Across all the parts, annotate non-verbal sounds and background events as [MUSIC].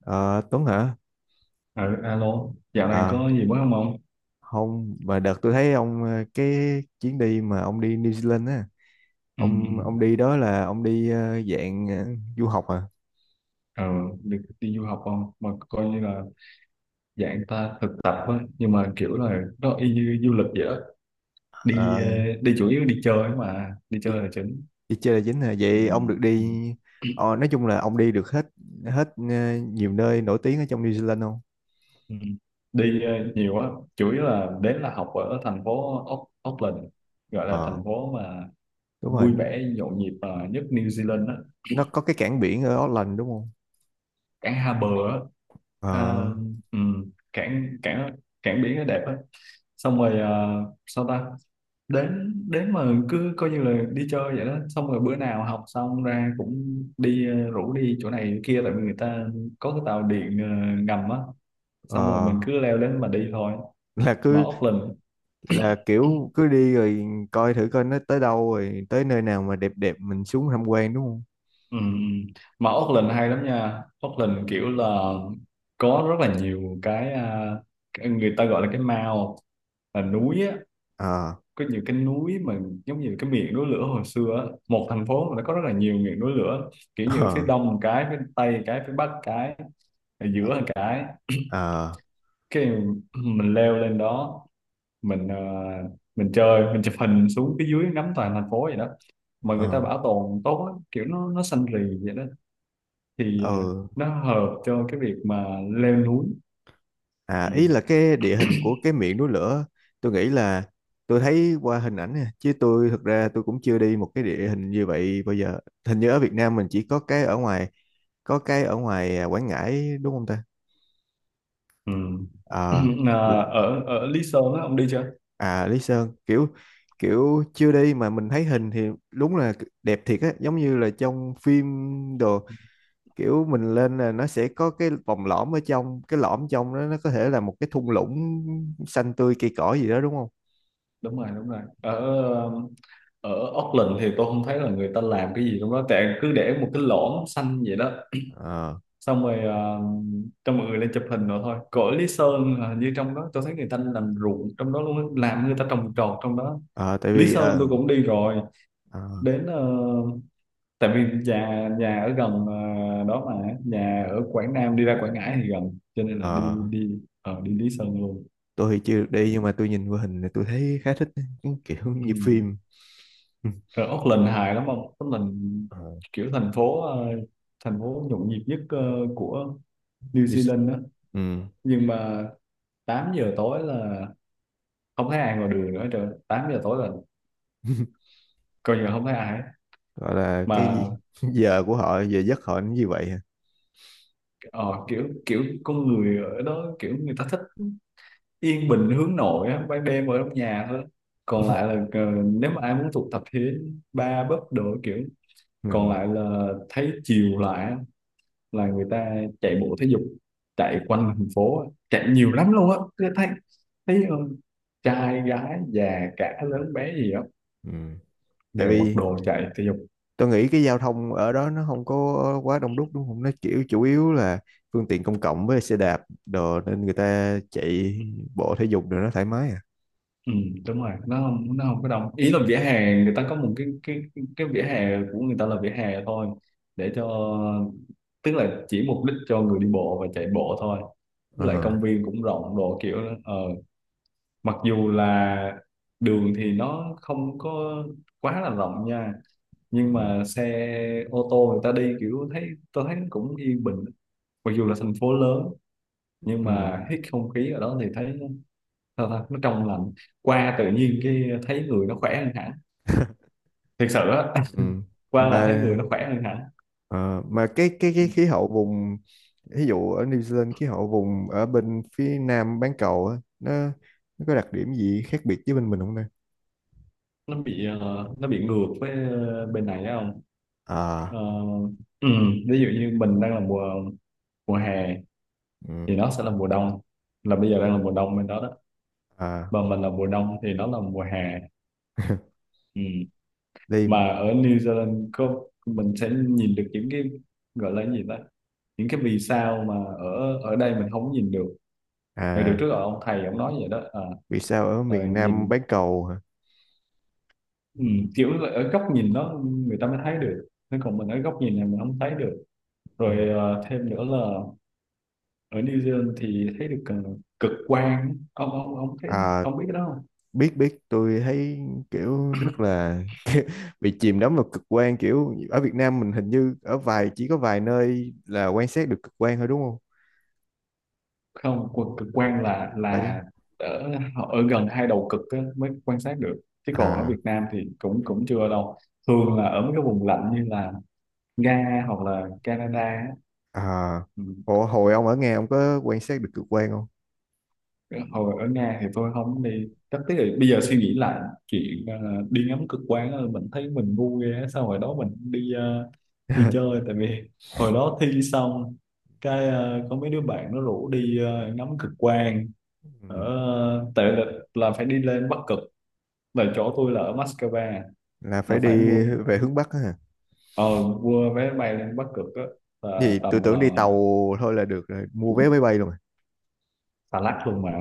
Ờ, Tuấn hả? Ờ, Alo, dạo này Ờ, có gì mới không ông? không, mà đợt tôi thấy ông cái chuyến đi mà ông đi New Zealand á, Ừ, ừ. ông đi đó là ông đi dạng du học à? ờ, Được đi du học không? Mà coi như là dạng ta thực tập á, nhưng mà kiểu là nó y như du lịch vậy đó. Đi Ờ, đi chủ yếu đi chơi mà, đi đi, chơi là chính. đi chơi là chính hả? Ừ, Vậy ông được ừ. đi, nói chung là ông đi được hết hết nhiều nơi nổi tiếng ở trong New Zealand không? Ừ. Đi nhiều quá, chủ yếu là đến là học ở thành phố Auckland, gọi là Ờ, thành phố mà đúng rồi, vui vẻ nhộn nhịp nhất New Zealand đó. nó có cái cảng biển ở Auckland đúng không? Cảng Hà Bờ á. Ờ, Ờ, ừ, cảng cảng cảng biển nó đẹp á, xong rồi ờ, sao ta đến đến mà cứ coi như là đi chơi vậy đó, xong rồi bữa nào học xong ra cũng đi, rủ đi chỗ này kia tại vì người ta có cái tàu điện ngầm á, xong rồi ờ, mình cứ leo lên mà đi thôi. là Mà cứ Auckland, là kiểu cứ đi rồi coi thử coi nó tới đâu rồi tới nơi nào mà đẹp đẹp mình xuống tham quan đúng không? ừ, mà Auckland hay lắm nha. Auckland kiểu là có rất là nhiều cái cái người ta gọi là cái mall, là núi á, Ờ. có nhiều cái núi mà giống như cái miệng núi lửa hồi xưa á. Một thành phố mà nó có rất là nhiều miệng núi lửa, kiểu như ở phía Ờ. đông một cái, phía tây một cái, phía bắc một cái, ở Ờ. giữa một cái. Ờ. Cái mình leo lên đó, mình mình chơi, mình chụp hình xuống phía dưới ngắm toàn thành phố vậy đó, mà Ờ. người ta bảo tồn tốt lắm, kiểu nó xanh rì vậy đó. thì Ờ. ờ, nó hợp cho cái việc mà leo núi. À, Ừ. ý là cái địa hình của cái miệng núi lửa. Tôi nghĩ là tôi thấy qua hình ảnh nè chứ tôi thực ra tôi cũng chưa đi một cái địa hình như vậy bao giờ. Hình như ở Việt Nam mình chỉ có cái ở ngoài à, Quảng Ngãi đúng không ta? Ừ. Ờ. [CLEARS THROAT] Ờ, ở ở Lý Sơn á ông đi chưa? À, Lý Sơn kiểu, chưa đi mà mình thấy hình thì đúng là đẹp thiệt á, giống như là trong phim đồ. Kiểu mình lên là nó sẽ có cái vòng lõm, ở trong cái lõm trong đó nó có thể là một cái thung lũng xanh tươi cây cỏ gì đó đúng không? Đúng rồi, đúng rồi. Ở ở Auckland thì tôi không thấy là người ta làm cái gì trong đó, tại cứ để một cái lõm xanh vậy đó. Ờ. Xong rồi cho mọi người lên chụp hình rồi thôi. Cõi Lý Sơn là hình như trong đó tôi thấy người ta làm ruộng trong đó luôn á, làm người ta trồng trọt trong đó. Ờ, tại Lý vì Sơn tôi cũng đi rồi, ờ, đến tại vì nhà nhà ở gần đó, mà nhà ở Quảng Nam đi ra Quảng Ngãi thì gần, cho nên là ờ, đi đi ờ, đi Lý Sơn luôn. tôi thì chưa được đi nhưng mà tôi nhìn qua hình thì tôi thấy khá thích cái kiểu [LAUGHS] Ừ. như phim. Ừ. Rồi Auckland hài lắm không? Auckland Ờ. kiểu thành phố thành phố nhộn nhịp nhất của New như- Zealand đó. ừ. Nhưng mà 8 giờ tối là không thấy ai ngoài đường nữa trời. 8 giờ tối là [LAUGHS] coi như là không thấy ai. Gọi là cái Mà gì? [LAUGHS] Giờ giấc họ nó như vậy hả? ờ, kiểu kiểu con người ở đó kiểu người ta thích yên bình, hướng nội á, ban đêm ở trong nhà thôi. Còn lại là nếu mà ai muốn tụ tập thì đến bar, pub đồ kiểu. Còn Ừ. lại là thấy chiều lại là người ta chạy bộ thể dục, chạy quanh thành phố, chạy nhiều lắm luôn á tôi thấy. Thấy trai gái già cả lớn bé gì á Ừ. Tại đều mặc vì đồ chạy thể dục. tôi nghĩ cái giao thông ở đó nó không có quá đông đúc đúng không, nó kiểu chủ yếu là phương tiện công cộng với xe đạp đồ, nên người ta chạy bộ thể dục rồi nó thoải mái à. Ừ, đúng rồi, nó không có đông. Ý là vỉa hè người ta có một cái cái vỉa hè của người ta là vỉa hè thôi, để cho, tức là chỉ mục đích cho người đi bộ và chạy bộ thôi. Với lại Ờ. công viên cũng rộng đồ kiểu đó. Ờ, Mặc dù là đường thì nó không có quá là rộng nha, nhưng Ừ. mà xe ô tô người ta đi kiểu thấy tôi thấy nó cũng yên bình. Mặc dù là thành phố lớn nhưng Ừ. mà hít không khí ở đó thì thấy nó, sao ta, nó trong lành, qua tự nhiên cái thấy người nó khỏe hơn hẳn, thiệt sự á. Ừ. [LAUGHS] Qua là mà thấy người nó khỏe hơn hẳn. ờ, mà cái khí hậu vùng, ví dụ ở New Zealand khí hậu vùng ở bên phía nam bán cầu á, nó có đặc điểm gì khác biệt với bên mình không đây? nó bị ờ, nó bị ngược với bên này á, không? À. Ờ, ừ, ví dụ như mình đang là mùa mùa hè Ừ. thì nó sẽ là mùa đông, là bây giờ đang là mùa đông bên đó đó. À. Và mình là mùa đông thì nó là mùa hè. Ừ. Đây. Mà ở New Zealand có mình sẽ nhìn được những cái gọi là cái gì đó, những cái vì sao mà ở ở đây mình không nhìn được. Thì được À. trước ở ông thầy ông nói vậy đó à, Vì sao ở rồi miền nam nhìn, bán cầu hả? Ừ. ừ, kiểu là ở góc nhìn đó người ta mới thấy được, thế còn mình ở góc nhìn này mình không thấy được. Ừ. Rồi thêm nữa là ở New Zealand thì thấy được cực quang. Ông thấy, À, ông biết cái đó biết biết, tôi thấy kiểu rất là bị chìm đắm vào cực quan. Kiểu ở Việt Nam mình hình như ở vài chỉ có vài nơi là quan sát được cực quan thôi đúng không? không? Quần cực quang là Phải. Ở ở gần hai đầu cực á, mới quan sát được, chứ còn ở À. Việt Nam thì cũng cũng chưa đâu. Thường là ở mấy cái vùng lạnh như là Nga hoặc là Canada á. À. Ừ. Ủa, hồi ông ở Nga ông có quan sát được cực quan không? Hồi ở Nga thì tôi không đi, chắc tiếc là bây giờ suy nghĩ lại chuyện đi ngắm cực quang á, mình thấy mình ngu ghê á. Sao hồi đó mình đi đi [LAUGHS] chơi, tại vì hồi đó thi xong cái có mấy đứa bạn nó rủ đi ngắm cực quang ở, Ừ, tại là phải đi lên Bắc Cực, là chỗ tôi là ở Moscow, là phải là phải mua đi về hướng Bắc á hả? ờ, mua vé bay lên Bắc Cực á, là Gì, tầm tôi tưởng đi tàu thôi là được rồi, mua vé máy bay luôn rồi xà lách luôn mà,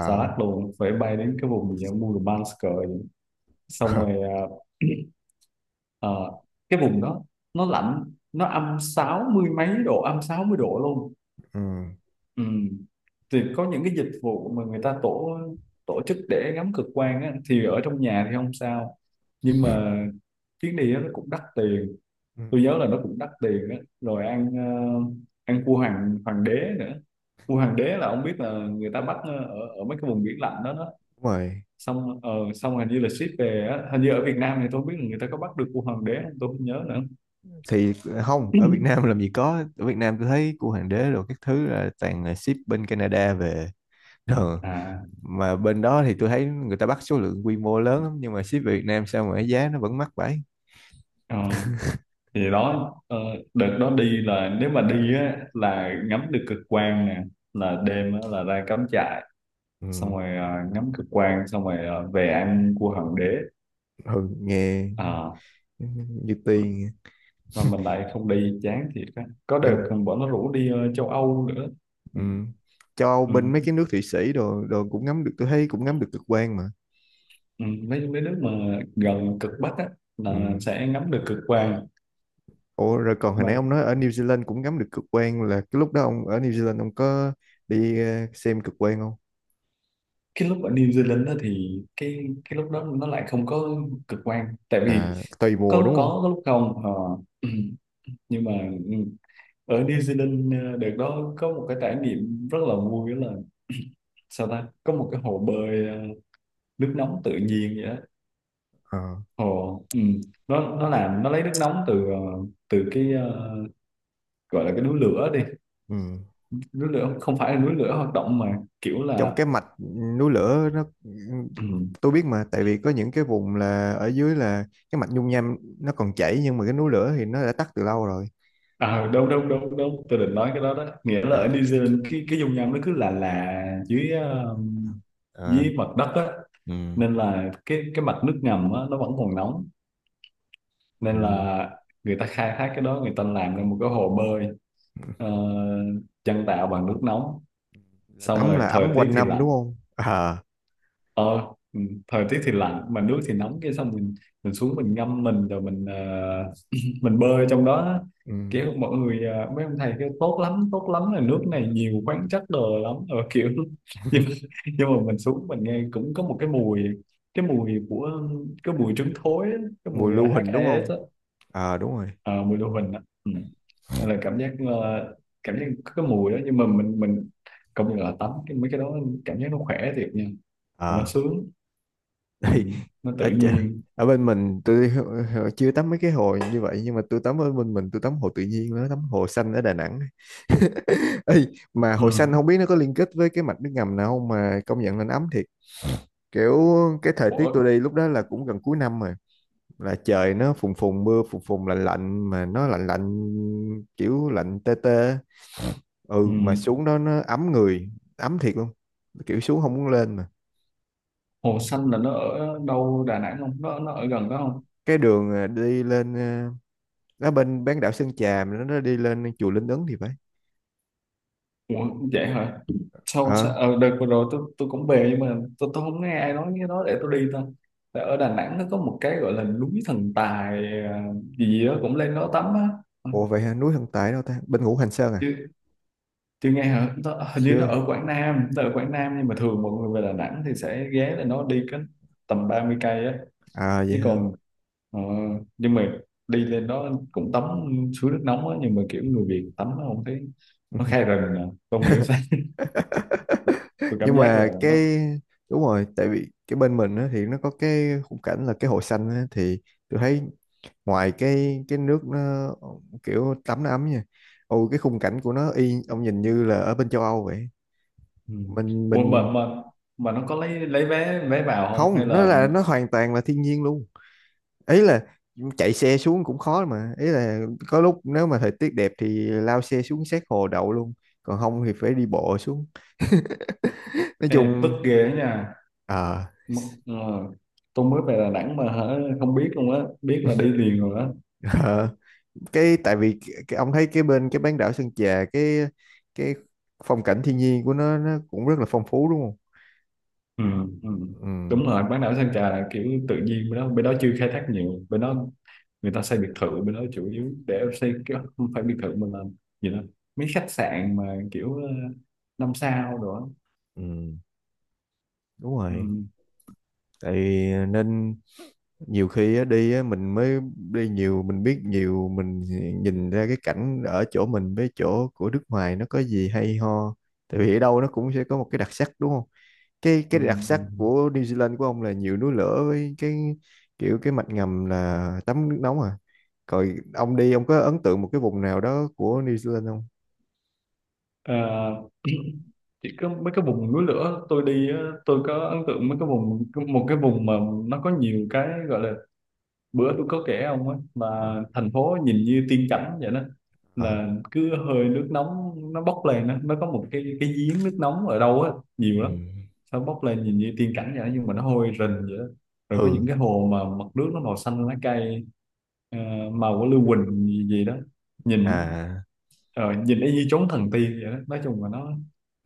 xà lách luôn, phải bay đến cái vùng gì ở Murmansk. Rồi xong [LAUGHS] rồi [CLEARS THROAT] ờ, cái vùng đó nó lạnh, nó âm sáu mươi mấy độ, âm 60 độ luôn. Ừ. Ừ. Thì có những cái dịch vụ mà người ta tổ tổ chức để ngắm cực quang á, thì ở trong nhà thì không sao. Nhưng mà chuyến đi đó nó cũng đắt tiền, Ừ, tôi nhớ là nó cũng đắt tiền á. Rồi ăn ăn cua hoàng hoàng đế nữa. Cua hoàng đế là ông biết là người ta bắt ở ở mấy cái vùng biển lạnh đó đó, đúng rồi. xong xong hình như là ship về á. Hình như ở Việt Nam thì tôi không biết là người ta có bắt được cua hoàng đế không, tôi không nhớ nữa. Thì không, ở Việt [LAUGHS] Nam làm gì có, ở Việt Nam tôi thấy cua hoàng đế rồi các thứ là toàn là ship bên Canada về. Ừ. À, Mà bên đó thì tôi thấy người ta bắt số lượng quy mô lớn lắm nhưng mà ship về Việt Nam sao mà cái giá nó vẫn mắc vậy? ờ, thì đó, đợt đó đi là nếu mà đi á là ngắm được cực quang nè, là đêm á, là ra cắm trại, xong Ừ. rồi ngắm cực quang, xong rồi về ăn cua hoàng đế. Ừ, nghe Ờ, như tiền mà mình lại không đi, chán thiệt á. Có đợt nhưng. còn bọn nó rủ đi châu Âu nữa. Ừ. Ừ, Cho ừ, bên mấy cái nước Thụy Sĩ đồ đồ cũng ngắm được, tôi thấy cũng ngắm được cực quang mà. ừ, mấy mấy nước mà gần cực Bắc á là Ừ. sẽ ngắm được cực quang. Ủa rồi còn hồi Mà nãy ông nói ở New Zealand cũng ngắm được cực quang, là cái lúc đó ông ở New Zealand ông có đi xem cực quang không? cái lúc ở New Zealand đó thì cái lúc đó nó lại không có cực quang, tại vì À, tùy mùa có, đúng không? Có lúc không. Ờ, ừ. Nhưng mà, ừ, ở New Zealand đợt đó có một cái trải nghiệm rất là vui, đó là sao ta có một cái hồ bơi nước nóng tự nhiên vậy đó. Ờ. Ồ, ừ. Nó lấy nước nóng từ từ cái gọi là cái núi lửa đi, Ừ. núi lửa không phải là núi lửa hoạt động mà kiểu trong là, cái mạch núi lửa nó ừ. Tôi biết mà, tại vì có những cái vùng là ở dưới là cái mạch dung nham nó còn chảy nhưng mà cái núi lửa thì nó đã tắt từ lâu rồi. À, đâu đâu đâu đâu tôi định nói cái đó đó, nghĩa là ở New À. Zealand cái dung nham nó cứ là dưới À. dưới mặt đất á, Ừ. nên là cái mặt nước ngầm á nó vẫn còn nóng, nên Ừ. là người ta khai thác cái đó, người ta làm ra một cái hồ bơi ờ, nhân tạo bằng nước nóng. Là Xong tắm rồi là thời ấm tiết quanh thì năm lạnh, đúng không à? ờ ừ, thời tiết thì lạnh mà nước thì nóng. Cái xong mình xuống mình ngâm mình rồi mình bơi trong đó, Ừ. kiểu mọi người mấy ông thầy kêu tốt lắm, tốt lắm là nước này nhiều khoáng chất đồ lắm rồi kiểu [LAUGHS] nhưng, [LAUGHS] mà nhưng mà mình xuống mình nghe cũng có một cái mùi, cái mùi của cái mùi trứng thối á, cái Mùa mùi lưu huỳnh đúng HAS không? á, À, đúng rồi. ờ, mùi lưu huỳnh á, ừ. Nên là cảm giác cảm giác có cái mùi đó, nhưng mà mình công nhận là tắm cái mấy cái đó cảm giác nó khỏe thiệt nha, nó À. sướng. Ừ. Đây. Nó ở, tự ch- nhiên. Ở bên mình tôi chưa tắm mấy cái hồ như vậy, nhưng mà tôi tắm ở bên mình, tôi tắm hồ tự nhiên đó, tắm hồ xanh ở Đà Nẵng. Ê, mà Ừ. hồi xanh không biết nó có liên kết với cái mạch nước ngầm nào không mà công nhận là nó ấm thiệt. Kiểu cái thời tiết Ủa, tôi đi lúc đó là cũng gần cuối năm rồi, là trời nó phùn phùn, mưa phùn phùn lạnh lạnh, mà nó lạnh lạnh kiểu lạnh tê tê. ừ. Ừ, mà xuống đó nó ấm người, ấm thiệt luôn, kiểu xuống không muốn lên mà. Hồ Xanh là nó ở đâu Đà Nẵng không? Nó ở gần đó không? Cái đường à, đi lên à, nó bên bán đảo Sơn Trà, mà nó đi lên chùa Linh Ứng thì phải. Ủa, vậy hả? Sao, Ờ. sao? Ờ, đợt vừa rồi tôi cũng về nhưng mà tôi không nghe ai nói cái đó để tôi đi ta. Tại ở Đà Nẵng nó có một cái gọi là núi thần tài à, gì gì đó cũng lên đó tắm á. Ừ, Ủa vậy hả? Núi Hân Tài đâu ta, bên Ngũ Hành Sơn à? Chưa chưa nghe hả? Nó, hình như nó Chưa. ở Quảng Nam, nó ở Quảng Nam, nhưng mà thường mọi người về Đà Nẵng thì sẽ ghé lên. Nó đi cái tầm 30 cây á. À vậy Chứ hả? còn ờ, nhưng mà đi lên đó cũng tắm suối nước nóng á, nhưng mà kiểu người Việt tắm nó không thấy, Ừ. nó khai rừng à. Tôi không hiểu sao. [LAUGHS] [LAUGHS] Tôi Nhưng cảm giác mà là nó, cái, đúng rồi, tại vì cái bên mình á, thì nó có cái khung cảnh là cái hồ xanh á, thì tôi thấy ngoài cái nước nó kiểu tắm nó ấm nha, ồ cái khung cảnh của nó y ông nhìn như là ở bên châu Âu vậy. ừ. mình Ủa mình mà nó có lấy vé vé vào không hay không, nó là? là nó hoàn toàn là thiên nhiên luôn. Ý là chạy xe xuống cũng khó mà, ý là có lúc nếu mà thời tiết đẹp thì lao xe xuống sát hồ đậu luôn, còn không thì phải đi bộ xuống. [LAUGHS] Nói Ê, tức chung ghê đó nha. ờ M- ờ, tôi mới về Đà Nẵng mà hả, không biết luôn á, biết là đi liền rồi á. [LAUGHS] cái tại vì cái ông thấy cái bên cái bán đảo Sơn Trà, cái phong cảnh thiên nhiên của nó cũng rất là phong phú đúng không? Ừ, ừ. Ừ, Đúng rồi, bán đảo Sơn Trà là kiểu tự nhiên, bên đó chưa khai thác nhiều, bên đó người ta xây biệt thự, bên đó chủ yếu để xây cái, không phải biệt thự mà là gì đó, mấy khách sạn mà kiểu năm sao đó. ừ, đúng Ừ, rồi. Tại vì nên nhiều khi á, đi á, mình mới đi nhiều mình biết nhiều mình nhìn ra cái cảnh ở chỗ mình với chỗ của nước ngoài nó có gì hay ho. Tại vì ở đâu nó cũng sẽ có một cái đặc sắc đúng không? cái ừ, cái đặc ừ. sắc của New Zealand của ông là nhiều núi lửa với cái kiểu cái mạch ngầm là tắm nước nóng à. Rồi ông đi ông có ấn tượng một cái vùng nào đó của New Zealand không? Ờ, chỉ có mấy cái vùng núi lửa tôi đi á, tôi có ấn tượng mấy cái vùng, một cái vùng mà nó có nhiều cái gọi là, bữa tôi có kể ông á mà, Ờ. thành phố nhìn như tiên cảnh vậy đó, Ờ. là cứ hơi nước nóng nó bốc lên đó. Nó có một cái giếng nước nóng ở đâu á, nhiều Ừ. lắm. Nó bốc lên nhìn như tiên cảnh vậy đó, nhưng mà nó hôi rình vậy đó. Rồi có những Ừ. cái hồ mà mặt nước nó màu xanh lá cây, ờ, màu của lưu huỳnh gì, gì đó, nhìn, À. Nhìn y như chốn thần tiên vậy đó. Nói chung là nó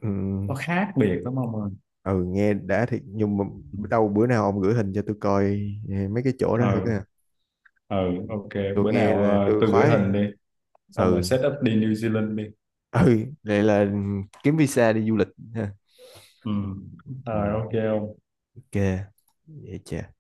Ừ. nó khác biệt lắm ông ơi. Ừ, nghe đã thiệt nhưng mà Ừ. đâu bữa nào ông gửi hình cho tôi coi, eh, mấy cái chỗ đó thử ờ coi, ờ ok, tôi bữa nghe nào là tôi tôi gửi hình khoái. đi, xong rồi Ừ. set up đi New Zealand đi. Ừ, vậy là kiếm visa đi du lịch ha. Ừ. Rồi Ừ, ok, ok. ok, vậy chà.